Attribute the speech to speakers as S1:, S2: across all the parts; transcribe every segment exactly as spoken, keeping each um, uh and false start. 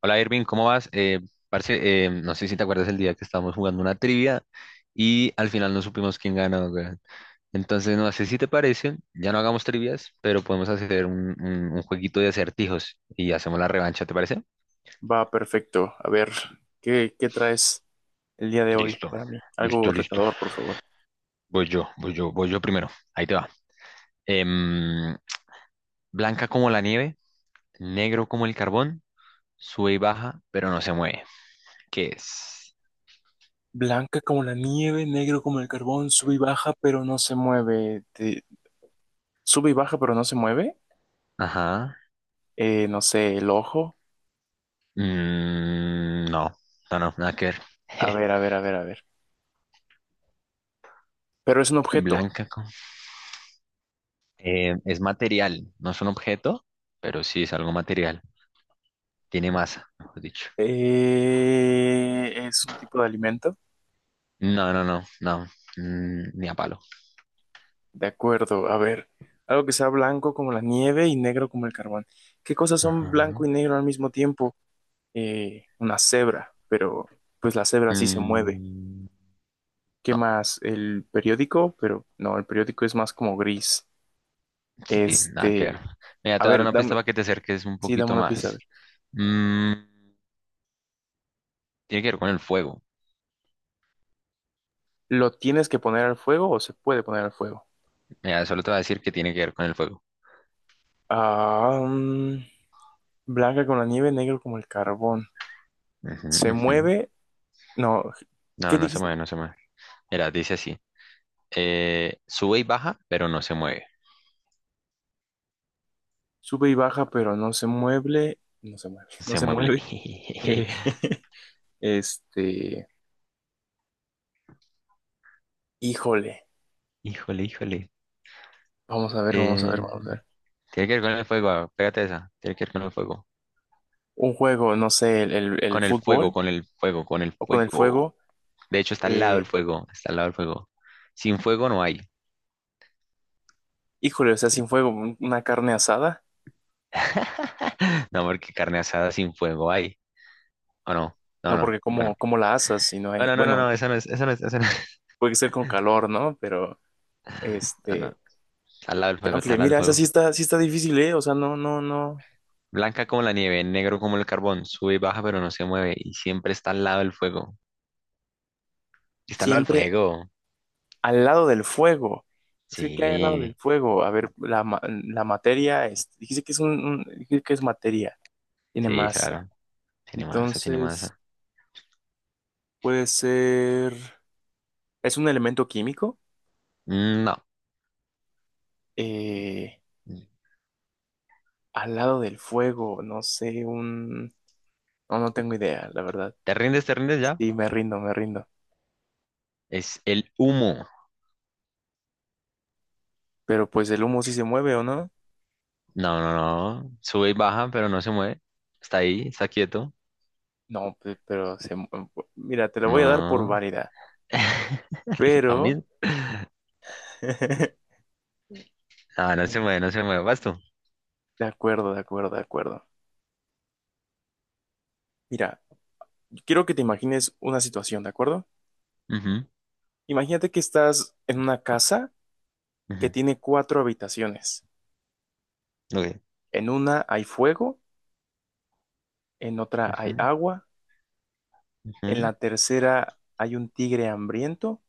S1: Hola Irving, ¿cómo vas? Eh, parce, eh, no sé si te acuerdas el día que estábamos jugando una trivia y al final no supimos quién ganó, weón. Entonces, no sé si te parece, ya no hagamos trivias, pero podemos hacer un, un- un jueguito de acertijos y hacemos la revancha, ¿te parece?
S2: Va perfecto. A ver, ¿qué, qué traes el día de hoy
S1: Listo,
S2: para mí? Algo
S1: listo, listo.
S2: retador, por favor.
S1: Voy yo, voy yo, voy yo primero. Ahí te va. Em, Blanca como la nieve, negro como el carbón, sube y baja, pero no se mueve. ¿Qué es?
S2: Blanca como la nieve, negro como el carbón, sube y baja, pero no se mueve. Te- Sube y baja, pero no se mueve.
S1: Ajá.
S2: Eh, no sé, el ojo.
S1: Mm, no, no, no, nada que ver.
S2: A ver, a ver, a ver, a ver. Pero es un objeto.
S1: Blanca con- eh, es material, no es un objeto, pero sí es algo material. Tiene masa, mejor dicho.
S2: Eh, es un tipo de alimento.
S1: No, no, no, no. Mm, ni a palo.
S2: De acuerdo, a ver. Algo que sea blanco como la nieve y negro como el carbón. ¿Qué cosas son blanco
S1: Ajá.
S2: y negro al mismo tiempo? Eh, una cebra, pero pues la cebra sí se mueve.
S1: Mm,
S2: ¿Qué
S1: no,
S2: más? El periódico, pero no, el periódico es más como gris.
S1: sí, nada que ver.
S2: Este,
S1: Mira,
S2: a
S1: te voy a dar
S2: ver,
S1: una pista
S2: dame,
S1: para que te acerques un
S2: sí, dame
S1: poquito
S2: una pista, a ver.
S1: más. Mm, Tiene que ver con el fuego.
S2: ¿Lo tienes que poner al fuego o se puede poner al fuego?
S1: Mira, solo te voy a decir que tiene que ver con el fuego.
S2: Ah, mm, blanca con la nieve, negro como el carbón.
S1: Ujú,
S2: Se
S1: ujú.
S2: mueve, no,
S1: No,
S2: ¿qué
S1: no se
S2: dijiste?
S1: mueve, no se mueve. Mira, dice así. eh, sube y baja, pero no se mueve.
S2: Sube y baja, pero no se mueve, no se mueve, no
S1: Se
S2: se
S1: mueve.
S2: mueve. Eh, este, híjole,
S1: Híjole, híjole.
S2: vamos a ver, vamos a
S1: Eh,
S2: ver, vamos a ver.
S1: Tiene que ver con el fuego, ah, pégate esa. Tiene que ver con el fuego.
S2: Un juego, no sé, el, el- el
S1: Con el fuego,
S2: fútbol
S1: con el fuego, con el
S2: o con el
S1: fuego.
S2: fuego.
S1: De hecho, está al lado del
S2: eh,
S1: fuego, está al lado del fuego. Sin fuego no hay.
S2: Híjole, o sea, sin fuego, un- una carne asada,
S1: No, porque carne asada sin fuego hay. ¿O no? No,
S2: no
S1: no.
S2: porque como,
S1: Bueno.
S2: como la asas, sino hay,
S1: Bueno, no, no,
S2: bueno,
S1: no, esa no es, esa no es, esa no es.
S2: puede ser con calor, ¿no? Pero,
S1: Ah, no.
S2: este,
S1: Está al lado del fuego, está
S2: chanfle,
S1: al lado del
S2: mira, esa sí
S1: fuego.
S2: está, sí está difícil, ¿eh? O sea, no, no, no,
S1: Blanca como la nieve, negro como el carbón. Sube y baja, pero no se mueve. Y siempre está al lado del fuego. Está al lado del
S2: siempre
S1: fuego.
S2: al lado del fuego. Es que, ¿qué hay al lado del
S1: Sí,
S2: fuego? A ver, la, ma- la materia, es, dijiste que es un, un- dijiste que es materia, tiene
S1: sí,
S2: masa.
S1: claro. Tiene masa, tiene
S2: Entonces,
S1: masa.
S2: puede ser, es un elemento químico,
S1: Mm, No.
S2: eh, al lado del fuego, no sé, un, no, no tengo idea, la verdad.
S1: ¿Te rindes, te rindes ya?
S2: Sí, me rindo, me rindo.
S1: Es el humo.
S2: Pero pues el humo sí se mueve, ¿o no?
S1: No, no, no. Sube y baja, pero no se mueve. Está ahí, está quieto.
S2: No, pe- pero se... mu- mira, te la voy a dar por
S1: No.
S2: válida.
S1: ¿A mí?
S2: Pero...
S1: No, no se mueve,
S2: es-
S1: no se mueve. Vas tú.
S2: De acuerdo, de acuerdo, de acuerdo. Mira, quiero que te imagines una situación, ¿de acuerdo?
S1: Ujú,
S2: Imagínate que estás en una casa que
S1: ujú,
S2: tiene cuatro habitaciones.
S1: ok,
S2: En una hay fuego, en otra hay
S1: ujú,
S2: agua, en
S1: ujú.
S2: la tercera hay un tigre hambriento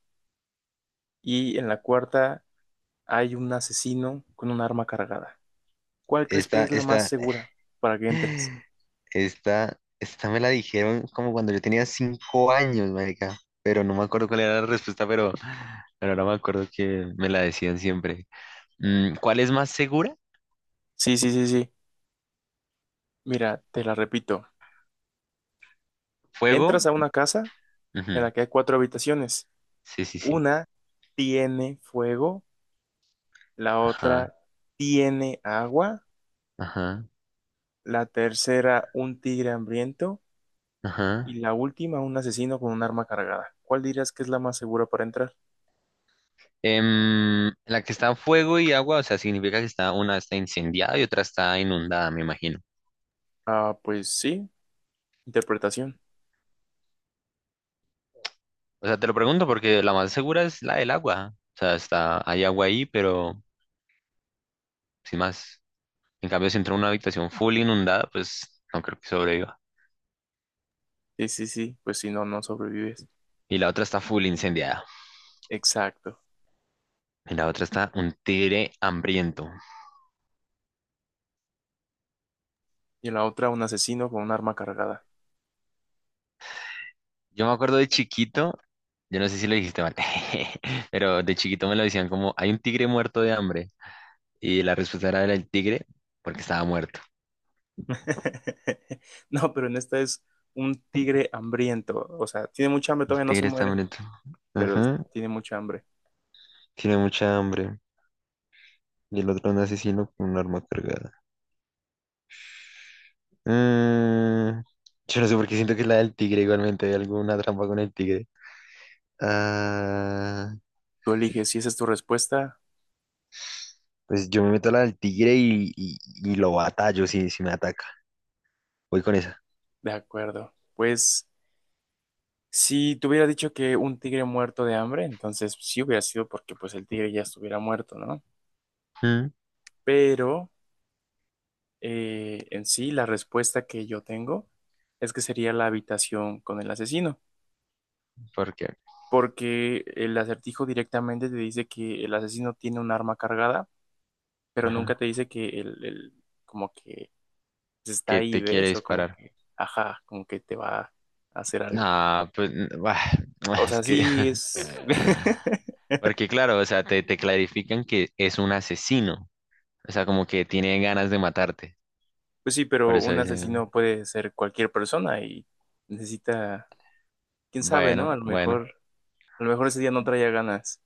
S2: y en la cuarta hay un asesino con un arma cargada. ¿Cuál crees que
S1: Esta,
S2: es la más
S1: esta,
S2: segura para que entres?
S1: esta, esta me la dijeron como cuando yo tenía cinco años, marica. Pero no me acuerdo cuál era la respuesta, pero, pero ahora me acuerdo que me la decían siempre. Mm, ¿cuál es más segura?
S2: Sí, sí, sí, sí. Mira, te la repito.
S1: ¿Fuego?
S2: Entras a una casa en
S1: Ujú,
S2: la que hay cuatro habitaciones.
S1: sí, sí, sí.
S2: Una tiene fuego, la
S1: Ajá.
S2: otra tiene agua,
S1: Ajá,
S2: la tercera un tigre hambriento y
S1: ajá.
S2: la última un asesino con un arma cargada. ¿Cuál dirías que es la más segura para entrar?
S1: Em, la que está en fuego y agua, o sea, significa que está, una está incendiada y otra está inundada, me imagino.
S2: Ah, pues sí, interpretación.
S1: O sea, te lo pregunto porque la más segura es la del agua. O sea, está, hay agua ahí, pero sin más. En cambio, si entra a una habitación full inundada, pues no creo que sobreviva.
S2: Sí, sí, sí, pues si no, no sobrevives.
S1: Y la otra está full incendiada.
S2: Exacto.
S1: Y la otra está un tigre hambriento.
S2: Y en la otra un asesino con un arma cargada.
S1: Yo me acuerdo de chiquito, yo no sé si lo dijiste mal, pero de chiquito me lo decían como, hay un tigre muerto de hambre. Y la respuesta era el tigre, porque estaba muerto.
S2: No, pero en esta es un tigre hambriento. O sea, tiene mucha hambre,
S1: El
S2: todavía no se
S1: tigre está
S2: muere,
S1: muerto.
S2: pero
S1: Ajá.
S2: tiene mucha hambre.
S1: Tiene mucha hambre. Y el otro un asesino con un arma cargada. Mm, yo no sé por qué siento que es la del tigre igualmente. Hay alguna trampa con el tigre. Ah,
S2: Tú eliges si esa es tu respuesta.
S1: pues yo me meto a la del tigre y, y- y lo batallo si, si me ataca. Voy con esa.
S2: De acuerdo. Pues si te hubiera dicho que un tigre muerto de hambre, entonces sí hubiera sido porque pues el tigre ya estuviera muerto, ¿no?
S1: Mm,
S2: Pero eh, en sí la respuesta que yo tengo es que sería la habitación con el asesino,
S1: ¿Por qué?
S2: porque el acertijo directamente te dice que el asesino tiene un arma cargada pero
S1: Ajá.
S2: nunca te dice que el, el- como que está
S1: Que
S2: ahí,
S1: te quiere
S2: ¿ves? O como
S1: disparar.
S2: que, ajá, como que te va a hacer algo.
S1: Ah, pues, mm, bah,
S2: O
S1: es
S2: sea,
S1: que
S2: sí es...
S1: Porque claro, o sea, te, te clarifican que es un asesino. O sea, como que tiene ganas de matarte.
S2: Pues sí,
S1: Por
S2: pero
S1: eso
S2: un
S1: dice,
S2: asesino puede ser cualquier persona y necesita, quién sabe, ¿no? A
S1: bueno,
S2: lo
S1: bueno,
S2: mejor, a lo mejor ese día no traía ganas.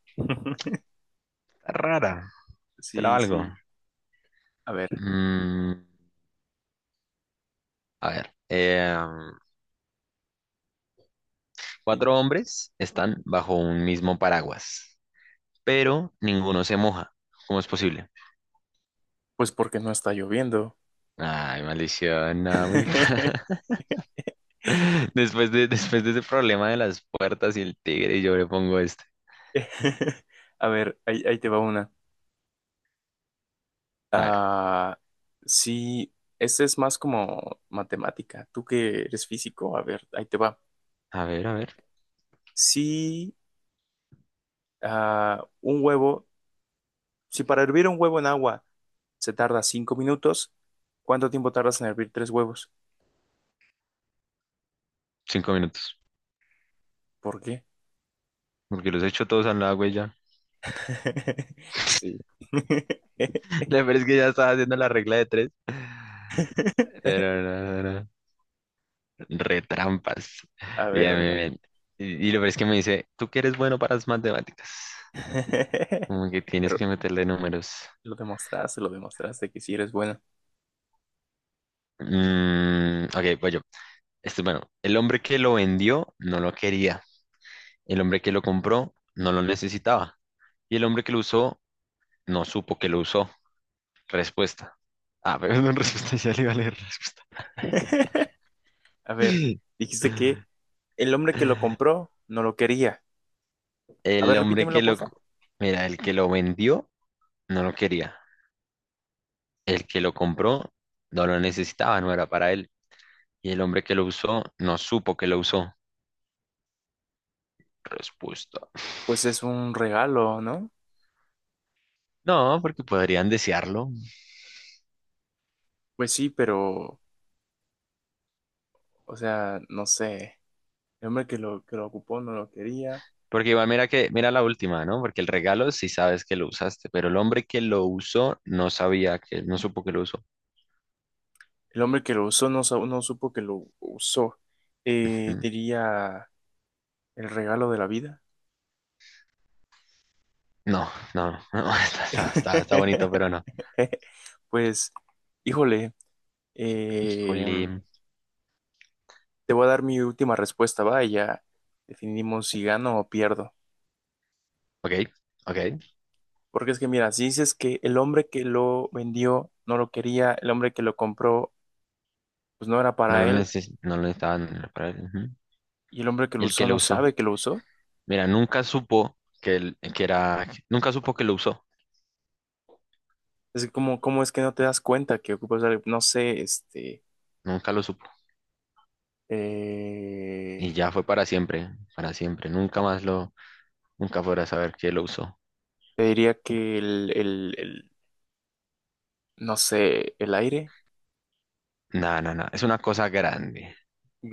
S1: rara, te la
S2: Sí,
S1: valgo.
S2: sí. A ver,
S1: Mm, a ver, eh,
S2: y-
S1: cuatro hombres están bajo un mismo paraguas, pero ninguno se moja. ¿Cómo es posible?
S2: pues porque no está lloviendo.
S1: Ay, maldición, no, muy fea. Después de, después de ese problema de las puertas y el tigre, yo le pongo este.
S2: A ver, ahí, ahí te va una.
S1: A ver,
S2: Ah, sí, este es más como matemática. Tú que eres físico, a ver, ahí te va.
S1: a ver, a ver.
S2: Si ah, un huevo, si para hervir un huevo en agua se tarda cinco minutos, ¿cuánto tiempo tardas en hervir tres huevos?
S1: Cinco minutos.
S2: ¿Por qué?
S1: Porque los he hecho todos al agua y ya
S2: Sí.
S1: le parece que ya estaba haciendo la regla de tres. Pero no, no, no. Retrampas.
S2: A ver, a
S1: Bien,
S2: ver,
S1: bien,
S2: a ver.
S1: bien. Y, y lo peor es que me dice, tú que eres bueno para las matemáticas. Como que tienes
S2: Pero
S1: que meterle números.
S2: lo demostraste, lo demostraste que sí eres bueno.
S1: Mm, ok, voy yo. Este, bueno, el hombre que lo vendió no lo quería. El hombre que lo compró no lo necesitaba. Y el hombre que lo usó no supo que lo usó. Respuesta. Ah, pero no respuesta, ya le iba a leer respuesta.
S2: A ver, dijiste que el hombre que lo compró no lo quería. A
S1: El
S2: ver,
S1: hombre que
S2: repítemelo,
S1: lo,
S2: porfa.
S1: mira, el que lo vendió no lo quería. El que lo compró no lo necesitaba, no era para él. Y el hombre que lo usó no supo que lo usó. Respuesta.
S2: Pues es un regalo, ¿no?
S1: No, porque podrían desearlo.
S2: Pues sí, pero, o sea, no sé. El hombre que lo, que lo ocupó no lo quería.
S1: Porque igual mira que, mira la última, ¿no? Porque el regalo sí sabes que lo usaste, pero el hombre que lo usó no sabía que, no supo que lo usó.
S2: El hombre que lo usó no, sa- no supo que lo usó. Eh,
S1: Ujú.
S2: diría el regalo de la vida.
S1: No, no, no, está, está, está, está bonito, pero no.
S2: Pues, híjole, eh,
S1: Híjole.
S2: te voy a dar mi última respuesta, va, y ya definimos si gano o pierdo.
S1: Ok, ok.
S2: Porque es que, mira, si dices que el hombre que lo vendió no lo quería, el hombre que lo compró pues no era
S1: No
S2: para
S1: lo
S2: él
S1: neces- no lo necesitaban para él. Ujú.
S2: y el hombre que lo
S1: El
S2: usó
S1: que lo
S2: no
S1: usó.
S2: sabe que lo usó.
S1: Mira, nunca supo que, él- que era, nunca supo que lo usó,
S2: Es como, ¿cómo es que no te das cuenta que ocupas algo? No sé, este,
S1: nunca lo supo. Y
S2: eh,
S1: ya fue para siempre, para siempre. Nunca más lo, nunca podrá saber que lo usó.
S2: te diría que el, el, el, no sé, el aire
S1: Nada, nada, nada. Es una cosa grande.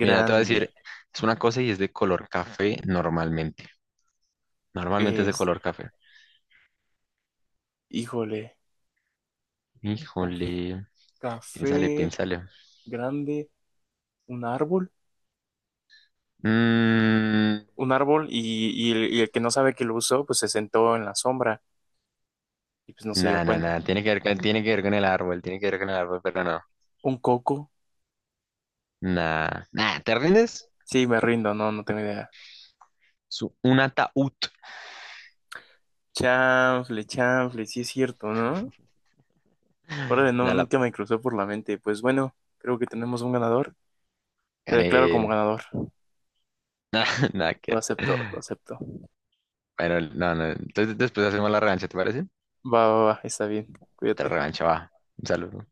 S1: Mira, te voy a decir, es una cosa y es de color café normalmente. Normalmente es de
S2: es,
S1: color café.
S2: híjole, ca-
S1: Híjole, piénsale,
S2: café
S1: piénsale.
S2: grande, un árbol,
S1: Mmm,
S2: un árbol y, y el, y el que no sabe que lo usó, pues se sentó en la sombra y pues no se dio
S1: Nada, nada,
S2: cuenta.
S1: nada. Tiene que ver con, tiene que ver con el árbol, tiene que ver con el árbol, pero no.
S2: Un coco,
S1: Nada, nada. ¿Te rindes?
S2: sí, me rindo, no, no tengo idea.
S1: Su- un ataúd.
S2: Chanfle, chanfle, sí es cierto, ¿no? Órale, no,
S1: Ya la
S2: nunca me cruzó por la mente. Pues bueno, creo que tenemos un ganador. Te
S1: Gané.
S2: declaro como ganador.
S1: Nada, nada
S2: Lo
S1: que
S2: acepto, lo
S1: ver.
S2: acepto.
S1: Bueno, no, no. Entonces después hacemos la revancha, ¿te parece?
S2: Va, va, va, está bien.
S1: Otra
S2: Cuídate.
S1: revancha, va. Un saludo.